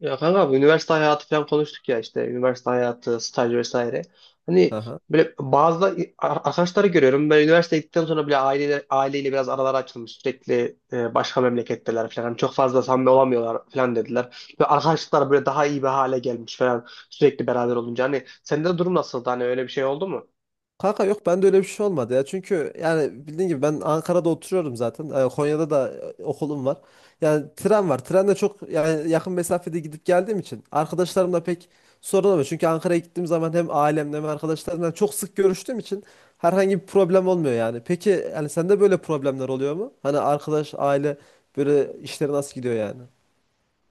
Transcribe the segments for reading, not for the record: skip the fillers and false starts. Ya kanka, bu üniversite hayatı falan konuştuk ya, işte üniversite hayatı, staj vesaire. Hani Aha. böyle bazı arkadaşları görüyorum. Ben üniversiteye gittikten sonra bile aileyle, biraz aralar açılmış. Sürekli, başka memleketteler falan. Hani çok fazla samimi olamıyorlar falan dediler. Ve arkadaşlıklar böyle daha iyi bir hale gelmiş falan, sürekli beraber olunca. Hani sende de durum nasıldı? Hani öyle bir şey oldu mu? Kanka yok bende öyle bir şey olmadı ya. Çünkü yani bildiğin gibi ben Ankara'da oturuyorum zaten. Konya'da da okulum var. Yani tren var. Trenle çok yani yakın mesafede gidip geldiğim için arkadaşlarımla pek sorun olmuyor. Çünkü Ankara'ya gittiğim zaman hem ailemle hem arkadaşlarımla çok sık görüştüğüm için herhangi bir problem olmuyor yani. Peki yani sende böyle problemler oluyor mu? Hani arkadaş, aile böyle işleri nasıl gidiyor yani?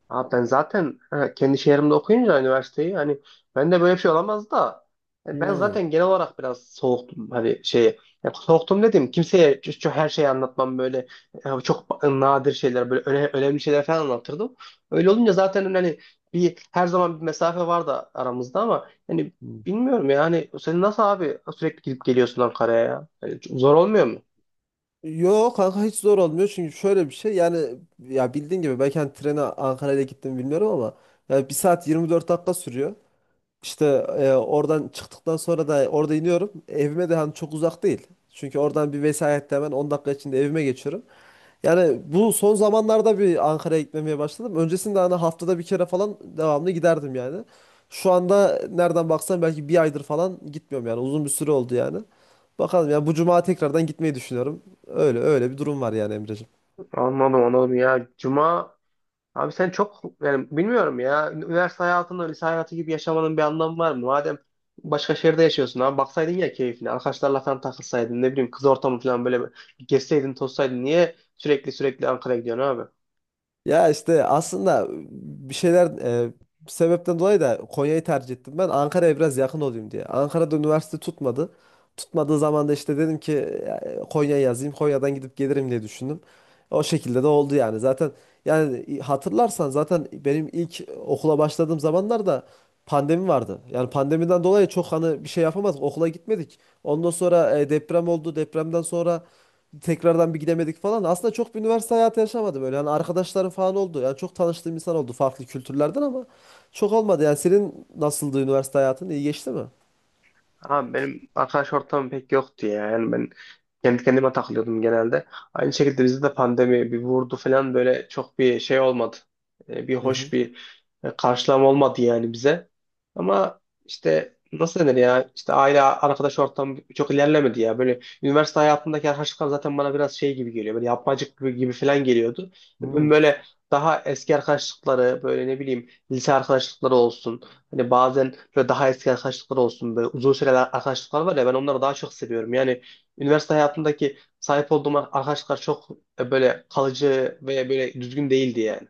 Abi, ben zaten kendi şehrimde okuyunca üniversiteyi, hani ben de böyle bir şey olamaz da, yani ben zaten genel olarak biraz soğuktum, hani şeye. Ya soğuktum dedim, kimseye çok, çok her şeyi anlatmam böyle. Çok nadir şeyler, böyle önemli şeyler falan anlatırdım. Öyle olunca zaten, hani bir, her zaman bir mesafe vardı aramızda, ama hani Hmm. bilmiyorum. Yani sen nasıl abi, sürekli gidip geliyorsun Ankara'ya ya? Yani zor olmuyor mu? Yo, kanka hiç zor olmuyor çünkü şöyle bir şey yani ya bildiğin gibi belki hani trene Ankara'ya gittim bilmiyorum ama ya 1 saat 24 dakika sürüyor. İşte oradan çıktıktan sonra da orada iniyorum. Evime de hani çok uzak değil. Çünkü oradan bir vesayette hemen 10 dakika içinde evime geçiyorum. Yani bu son zamanlarda bir Ankara'ya gitmemeye başladım. Öncesinde hani haftada bir kere falan devamlı giderdim yani. Şu anda nereden baksan belki bir aydır falan gitmiyorum yani. Uzun bir süre oldu yani. Bakalım yani bu cuma tekrardan gitmeyi düşünüyorum. Öyle öyle bir durum var yani Emreciğim. Anladım anladım ya. Cuma. Abi sen çok, yani bilmiyorum ya. Üniversite hayatında lise hayatı gibi yaşamanın bir anlamı var mı? Madem başka şehirde yaşıyorsun abi, baksaydın ya keyfine. Arkadaşlarla falan takılsaydın, ne bileyim kız ortamı falan, böyle bir gezseydin tozsaydın. Niye sürekli sürekli Ankara'ya gidiyorsun abi? Ya işte aslında bir şeyler bir sebepten dolayı da Konya'yı tercih ettim ben. Ankara'ya biraz yakın olayım diye. Ankara'da üniversite tutmadı. Tutmadığı zaman da işte dedim ki Konya'ya yazayım. Konya'dan gidip gelirim diye düşündüm. O şekilde de oldu yani. Zaten yani hatırlarsan zaten benim ilk okula başladığım zamanlarda pandemi vardı. Yani pandemiden dolayı çok hani bir şey yapamadık. Okula gitmedik. Ondan sonra deprem oldu. Depremden sonra tekrardan bir gidemedik falan. Aslında çok bir üniversite hayatı yaşamadım öyle. Yani arkadaşlarım falan oldu. Yani çok tanıştığım insan oldu farklı kültürlerden ama çok olmadı. Yani senin nasıldı üniversite hayatın? İyi geçti mi? Abi, benim arkadaş ortamım pek yoktu ya. Yani ben kendi kendime takılıyordum genelde. Aynı şekilde bizde de pandemi bir vurdu falan, böyle çok bir şey olmadı. Bir Hı hı. hoş bir karşılama olmadı yani bize. Ama işte nasıl denir ya, işte aile arkadaş ortamı çok ilerlemedi ya. Böyle üniversite hayatındaki arkadaşlıklar zaten bana biraz şey gibi geliyor. Böyle yapmacık gibi falan geliyordu. Hmm. Ben böyle daha eski arkadaşlıkları, böyle ne bileyim lise arkadaşlıkları olsun. Hani bazen böyle daha eski arkadaşlıklar olsun, böyle uzun süreler arkadaşlıklar var ya, ben onları daha çok seviyorum. Yani üniversite hayatındaki sahip olduğum arkadaşlar çok böyle kalıcı ve böyle düzgün değildi yani.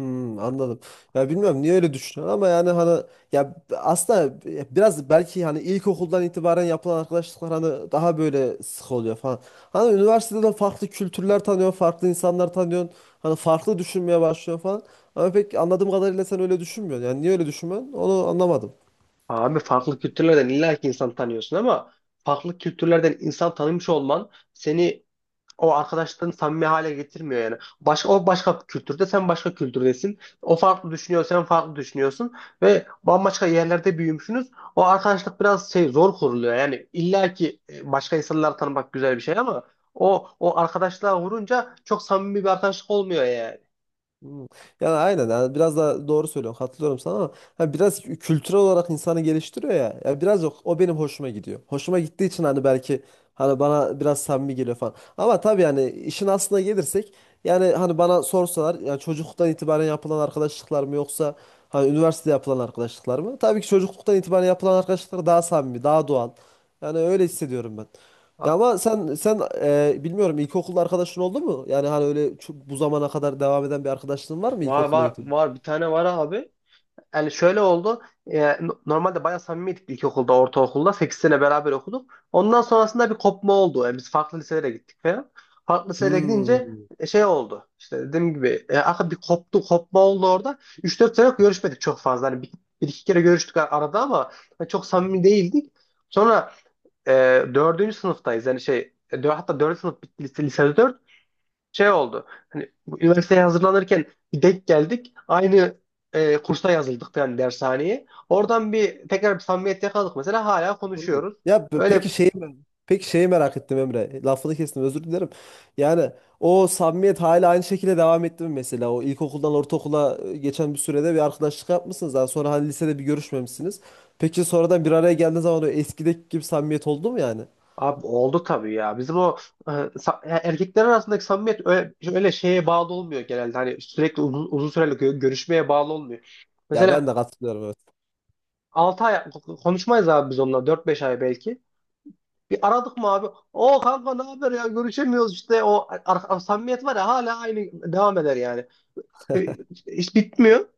Hmm, anladım. Ya bilmiyorum niye öyle düşünüyorum ama yani hani ya aslında biraz belki hani ilkokuldan itibaren yapılan arkadaşlıklar hani daha böyle sık oluyor falan. Hani üniversitede de farklı kültürler tanıyorsun, farklı insanlar tanıyorsun. Hani farklı düşünmeye başlıyorsun falan. Ama pek anladığım kadarıyla sen öyle düşünmüyorsun. Yani niye öyle düşünmüyorsun? Onu anlamadım. Abi, farklı kültürlerden illa ki insan tanıyorsun ama farklı kültürlerden insan tanımış olman seni, o arkadaşlığını samimi hale getirmiyor yani. O başka bir kültürde, sen başka kültürdesin. O farklı düşünüyor, sen farklı düşünüyorsun. Ve bambaşka yerlerde büyümüşsünüz. O arkadaşlık biraz şey, zor kuruluyor. Yani illa ki başka insanları tanımak güzel bir şey ama o arkadaşlığa vurunca çok samimi bir arkadaşlık olmuyor yani. Hmm. Yani aynen yani biraz daha doğru söylüyorsun katılıyorum sana ama hani biraz kültürel olarak insanı geliştiriyor ya. Ya biraz yok o benim hoşuma gidiyor. Hoşuma gittiği için hani belki hani bana biraz samimi geliyor falan. Ama tabii yani işin aslına gelirsek yani hani bana sorsalar yani çocukluktan itibaren yapılan arkadaşlıklar mı yoksa hani üniversitede yapılan arkadaşlıklar mı? Tabii ki çocukluktan itibaren yapılan arkadaşlıklar daha samimi, daha doğal. Yani öyle hissediyorum ben. Ha. Ya ama sen bilmiyorum ilkokul arkadaşın oldu mu? Yani hani öyle çok, bu zamana kadar devam eden bir arkadaşlığın var mı Var var ilkokulda? var, bir tane var abi. Yani şöyle oldu. Normalde bayağı samimiydik ilkokulda, ortaokulda. 8 sene beraber okuduk. Ondan sonrasında bir kopma oldu. Yani biz farklı liselere gittik falan. Farklı liselere gidince Hmm. Şey oldu. İşte dediğim gibi aka bir koptu, kopma oldu orada. 3-4 sene görüşmedik çok fazla. Hani bir iki kere görüştük arada ama hani çok samimi değildik. Sonra e, 4. sınıftayız. Yani şey, hatta 4. sınıf bitti, lise dört, şey oldu. Hani bu üniversiteye hazırlanırken bir denk geldik. Aynı kursa yazıldık, yani dershaneye. Oradan bir tekrar bir samimiyet yakaladık, mesela hala Hmm. konuşuyoruz. Ya Öyle. Peki şeyi merak ettim Emre. Lafını kestim özür dilerim. Yani o samimiyet hala aynı şekilde devam etti mi mesela? O ilkokuldan ortaokula geçen bir sürede bir arkadaşlık yapmışsınız. Daha sonra hani lisede bir görüşmemişsiniz. Peki sonradan bir araya geldiğiniz zaman o eskideki gibi samimiyet oldu mu yani? Abi oldu tabii ya. Bizim o, erkekler arasındaki samimiyet öyle, öyle şeye bağlı olmuyor genelde. Hani sürekli uzun, uzun süreli görüşmeye bağlı olmuyor. Ya ben Mesela de katılıyorum, evet. 6 ay konuşmayız abi biz onunla, 4-5 ay belki. Bir aradık mı abi? O, kanka ne haber ya, görüşemiyoruz işte, o samimiyet var ya, hala aynı devam eder yani. E, Hiç bitmiyor.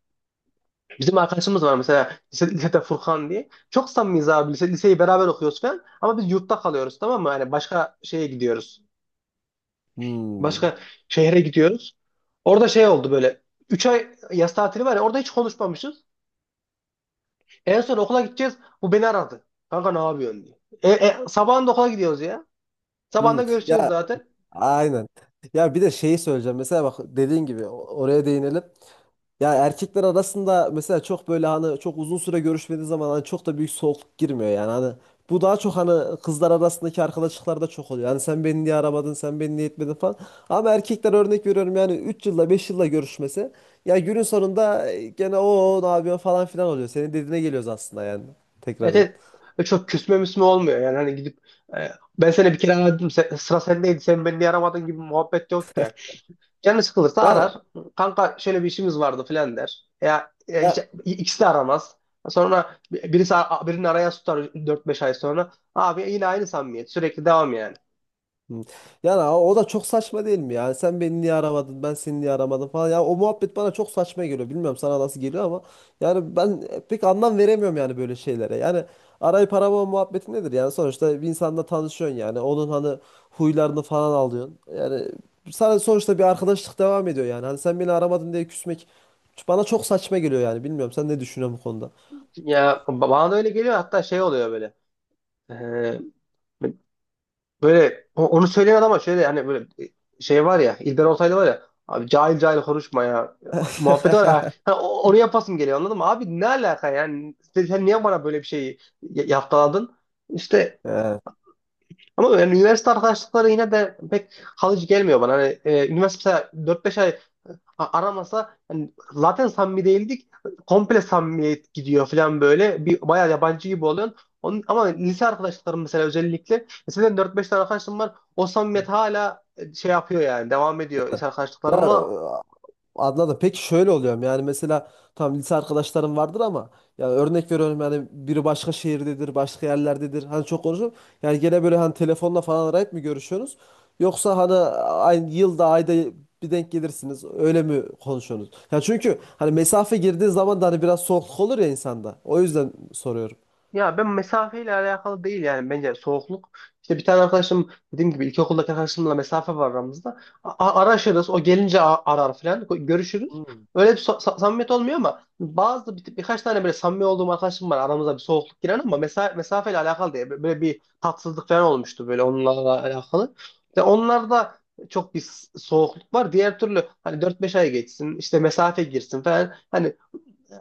Bizim arkadaşımız var mesela, lisede Furkan diye. Çok samimiyiz abi, liseyi beraber okuyoruz falan. Ama biz yurtta kalıyoruz, tamam mı? Yani başka şeye gidiyoruz. Hmm. Başka şehre gidiyoruz. Orada şey oldu böyle. 3 ay yaz tatili var ya, orada hiç konuşmamışız. En son okula gideceğiz. Bu beni aradı. Kanka ne yapıyorsun diye. Sabahında okula gidiyoruz ya. Hmm. Sabahında görüşeceğiz Ya, zaten. aynen. Ya bir de şeyi söyleyeceğim. Mesela bak dediğin gibi oraya değinelim. Ya erkekler arasında mesela çok böyle hani çok uzun süre görüşmediği zaman hani çok da büyük soğukluk girmiyor yani. Hani bu daha çok hani kızlar arasındaki arkadaşlıklarda çok oluyor. Yani sen beni niye aramadın, sen beni niye etmedin falan. Ama erkekler örnek veriyorum yani 3 yılda 5 yılda görüşmesi. Ya günün sonunda gene o ne yapıyorsun falan filan oluyor. Senin dediğine geliyoruz aslında yani Evet, tekrardan. evet. Çok küsme müsme olmuyor yani, hani gidip, e, ben seni bir kere aradım, sıra sendeydi, sen beni niye aramadın gibi muhabbet yok. Canı sıkılırsa Ya, arar. Kanka şöyle bir işimiz vardı filan der. Ya, hiç ya ikisi de aramaz. Sonra birisi, birini arayan tutar 4-5 ay sonra. Abi yine aynı samimiyet. Sürekli devam yani. Hı. Yani o da çok saçma değil mi? Yani sen beni niye aramadın, ben seni niye aramadım falan. Ya o muhabbet bana çok saçma geliyor. Bilmiyorum sana nasıl geliyor ama yani ben pek anlam veremiyorum yani böyle şeylere. Yani arayıp aramama muhabbeti nedir? Yani sonuçta bir insanla tanışıyorsun yani. Onun hani huylarını falan alıyorsun. Yani sana sonuçta bir arkadaşlık devam ediyor yani. Hani sen beni aramadın diye küsmek bana çok saçma geliyor yani. Bilmiyorum sen ne düşünüyorsun bu konuda? Ya bana da öyle geliyor, hatta şey oluyor böyle. Ee, Böyle onu söyleyen, ama şöyle hani böyle şey var ya, İlber Ortaylı var ya, abi cahil cahil konuşma ya, muhabbet var ya. Ha, onu yapasım geliyor, anladın mı? Abi ne alaka yani, sen niye bana böyle bir şeyi yaftaladın? İşte. Evet. Ama yani üniversite arkadaşlıkları yine de pek kalıcı gelmiyor bana. Hani, üniversite mesela 4-5 ay aramasa, hani zaten samimi değildik. Komple samimiyet gidiyor falan böyle. Bir bayağı yabancı gibi oluyorsun. Onun, ama lise arkadaşlıklarım mesela, özellikle. Mesela 4-5 tane arkadaşım var. O samimiyet hala şey yapıyor yani. Devam ediyor lise Ya, arkadaşlıklarımla. anladım. Peki şöyle oluyor mu? Yani mesela tam lise arkadaşlarım vardır ama ya örnek veriyorum yani biri başka şehirdedir, başka yerlerdedir. Hani çok konuşuyorum. Yani gene böyle hani telefonla falan arayıp mı görüşüyorsunuz? Yoksa hani aynı yılda, ayda bir denk gelirsiniz. Öyle mi konuşuyorsunuz? Ya çünkü hani mesafe girdiği zaman da hani biraz soğukluk olur ya insanda. O yüzden soruyorum. Ya ben, mesafeyle alakalı değil yani, bence soğukluk. İşte bir tane arkadaşım, dediğim gibi, ilkokuldaki arkadaşımla mesafe var aramızda. Araşırız, o gelince arar falan, görüşürüz. Hmm. Öyle bir samimiyet olmuyor, ama bazı birkaç tane böyle samimi olduğum arkadaşım var, aramıza bir soğukluk giren ama mesafeyle alakalı diye böyle bir tatsızlık falan olmuştu, böyle onlarla alakalı. İşte onlarda çok bir soğukluk var. Diğer türlü hani 4-5 ay geçsin, işte mesafe girsin falan. Hani,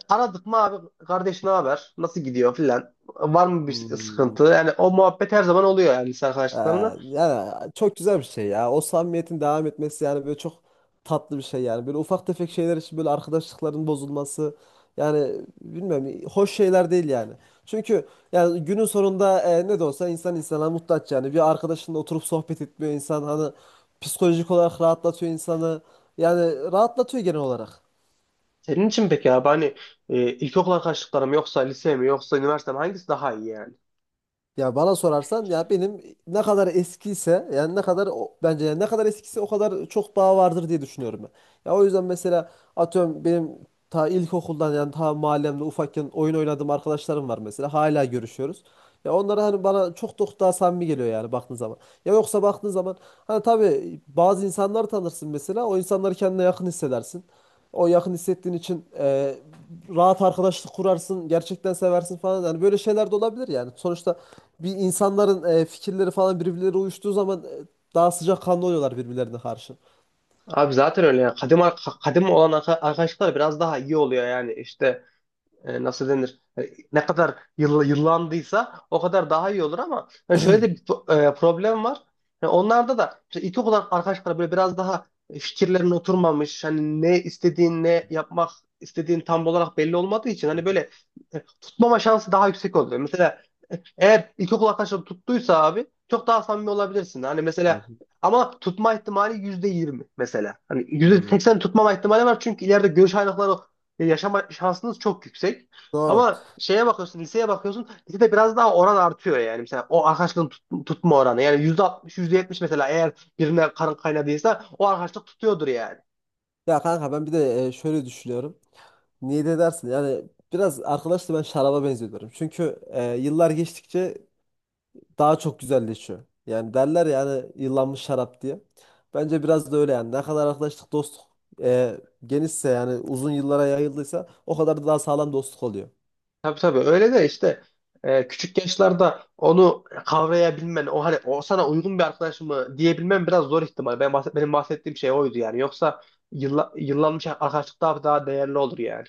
aradık mı abi, kardeş ne haber? Nasıl gidiyor filan? Var mı bir Hmm. sıkıntı? Yani o muhabbet her zaman oluyor yani, lise Ee, arkadaşlıklarında. yani çok güzel bir şey ya. O samimiyetin devam etmesi yani böyle çok tatlı bir şey yani. Böyle ufak tefek şeyler için böyle arkadaşlıkların bozulması yani bilmiyorum hoş şeyler değil yani. Çünkü yani günün sonunda ne de olsa insan insana muhtaç yani. Bir arkadaşınla oturup sohbet etmiyor insan hani psikolojik olarak rahatlatıyor insanı. Yani rahatlatıyor genel olarak. Senin için peki abi, hani ilkokul arkadaşlıkları mı, yoksa lise mi, yoksa üniversite mi, hangisi daha iyi yani? Ya bana sorarsan ya benim ne kadar eskiyse yani ne kadar bence yani ne kadar eskiyse o kadar çok bağ vardır diye düşünüyorum ben. Ya o yüzden mesela atıyorum benim ta ilkokuldan yani ta mahallemde ufakken oyun oynadığım arkadaşlarım var mesela. Hala görüşüyoruz. Ya onlar hani bana çok çok daha samimi geliyor yani baktığın zaman. Ya yoksa baktığın zaman hani tabii bazı insanlar tanırsın mesela. O insanları kendine yakın hissedersin. O yakın hissettiğin için rahat arkadaşlık kurarsın, gerçekten seversin falan. Yani böyle şeyler de olabilir yani. Sonuçta bir insanların fikirleri falan birbirleri uyuştuğu zaman daha sıcakkanlı oluyorlar birbirlerine karşı. Abi zaten öyle yani. Kadim olan arkadaşlıklar biraz daha iyi oluyor yani. İşte, nasıl denir, ne kadar yıllandıysa o kadar daha iyi olur, ama yani şöyle de bir problem var. Yani onlarda da işte ilk arkadaşlar böyle biraz daha, fikirlerin oturmamış, hani ne istediğin, ne yapmak istediğin tam olarak belli olmadığı için hani böyle tutmama şansı daha yüksek oluyor. Mesela eğer ilkokul arkadaşları tuttuysa, abi çok daha samimi olabilirsin. Hani Hı mesela, hı. ama tutma ihtimali %20 mesela. Hani yüzde Hmm. seksen tutmama ihtimali var, çünkü ileride görüş ayrılıkları yaşama şansınız çok yüksek. Doğru. Ama şeye bakıyorsun, liseye bakıyorsun. Lisede biraz daha oran artıyor yani. Mesela o arkadaşlığın tutma oranı. Yani %60, yüzde yetmiş mesela, eğer birine karın kaynadıysa o arkadaşlık tutuyordur yani. Ya kanka ben bir de şöyle düşünüyorum. Niye de dersin? Yani biraz arkadaşla ben şaraba benziyorum. Çünkü yıllar geçtikçe daha çok güzelleşiyor. Yani derler yani yıllanmış şarap diye. Bence biraz da öyle yani. Ne kadar arkadaşlık dostluk e, genişse yani uzun yıllara yayıldıysa o kadar da daha sağlam dostluk oluyor. Tabii tabii, öyle de işte küçük yaşlarda onu kavrayabilmen, o hani o sana uygun bir arkadaş mı diyebilmen biraz zor ihtimal. Benim bahsettiğim şey oydu yani. Yoksa yıllanmış arkadaşlık daha daha değerli olur yani.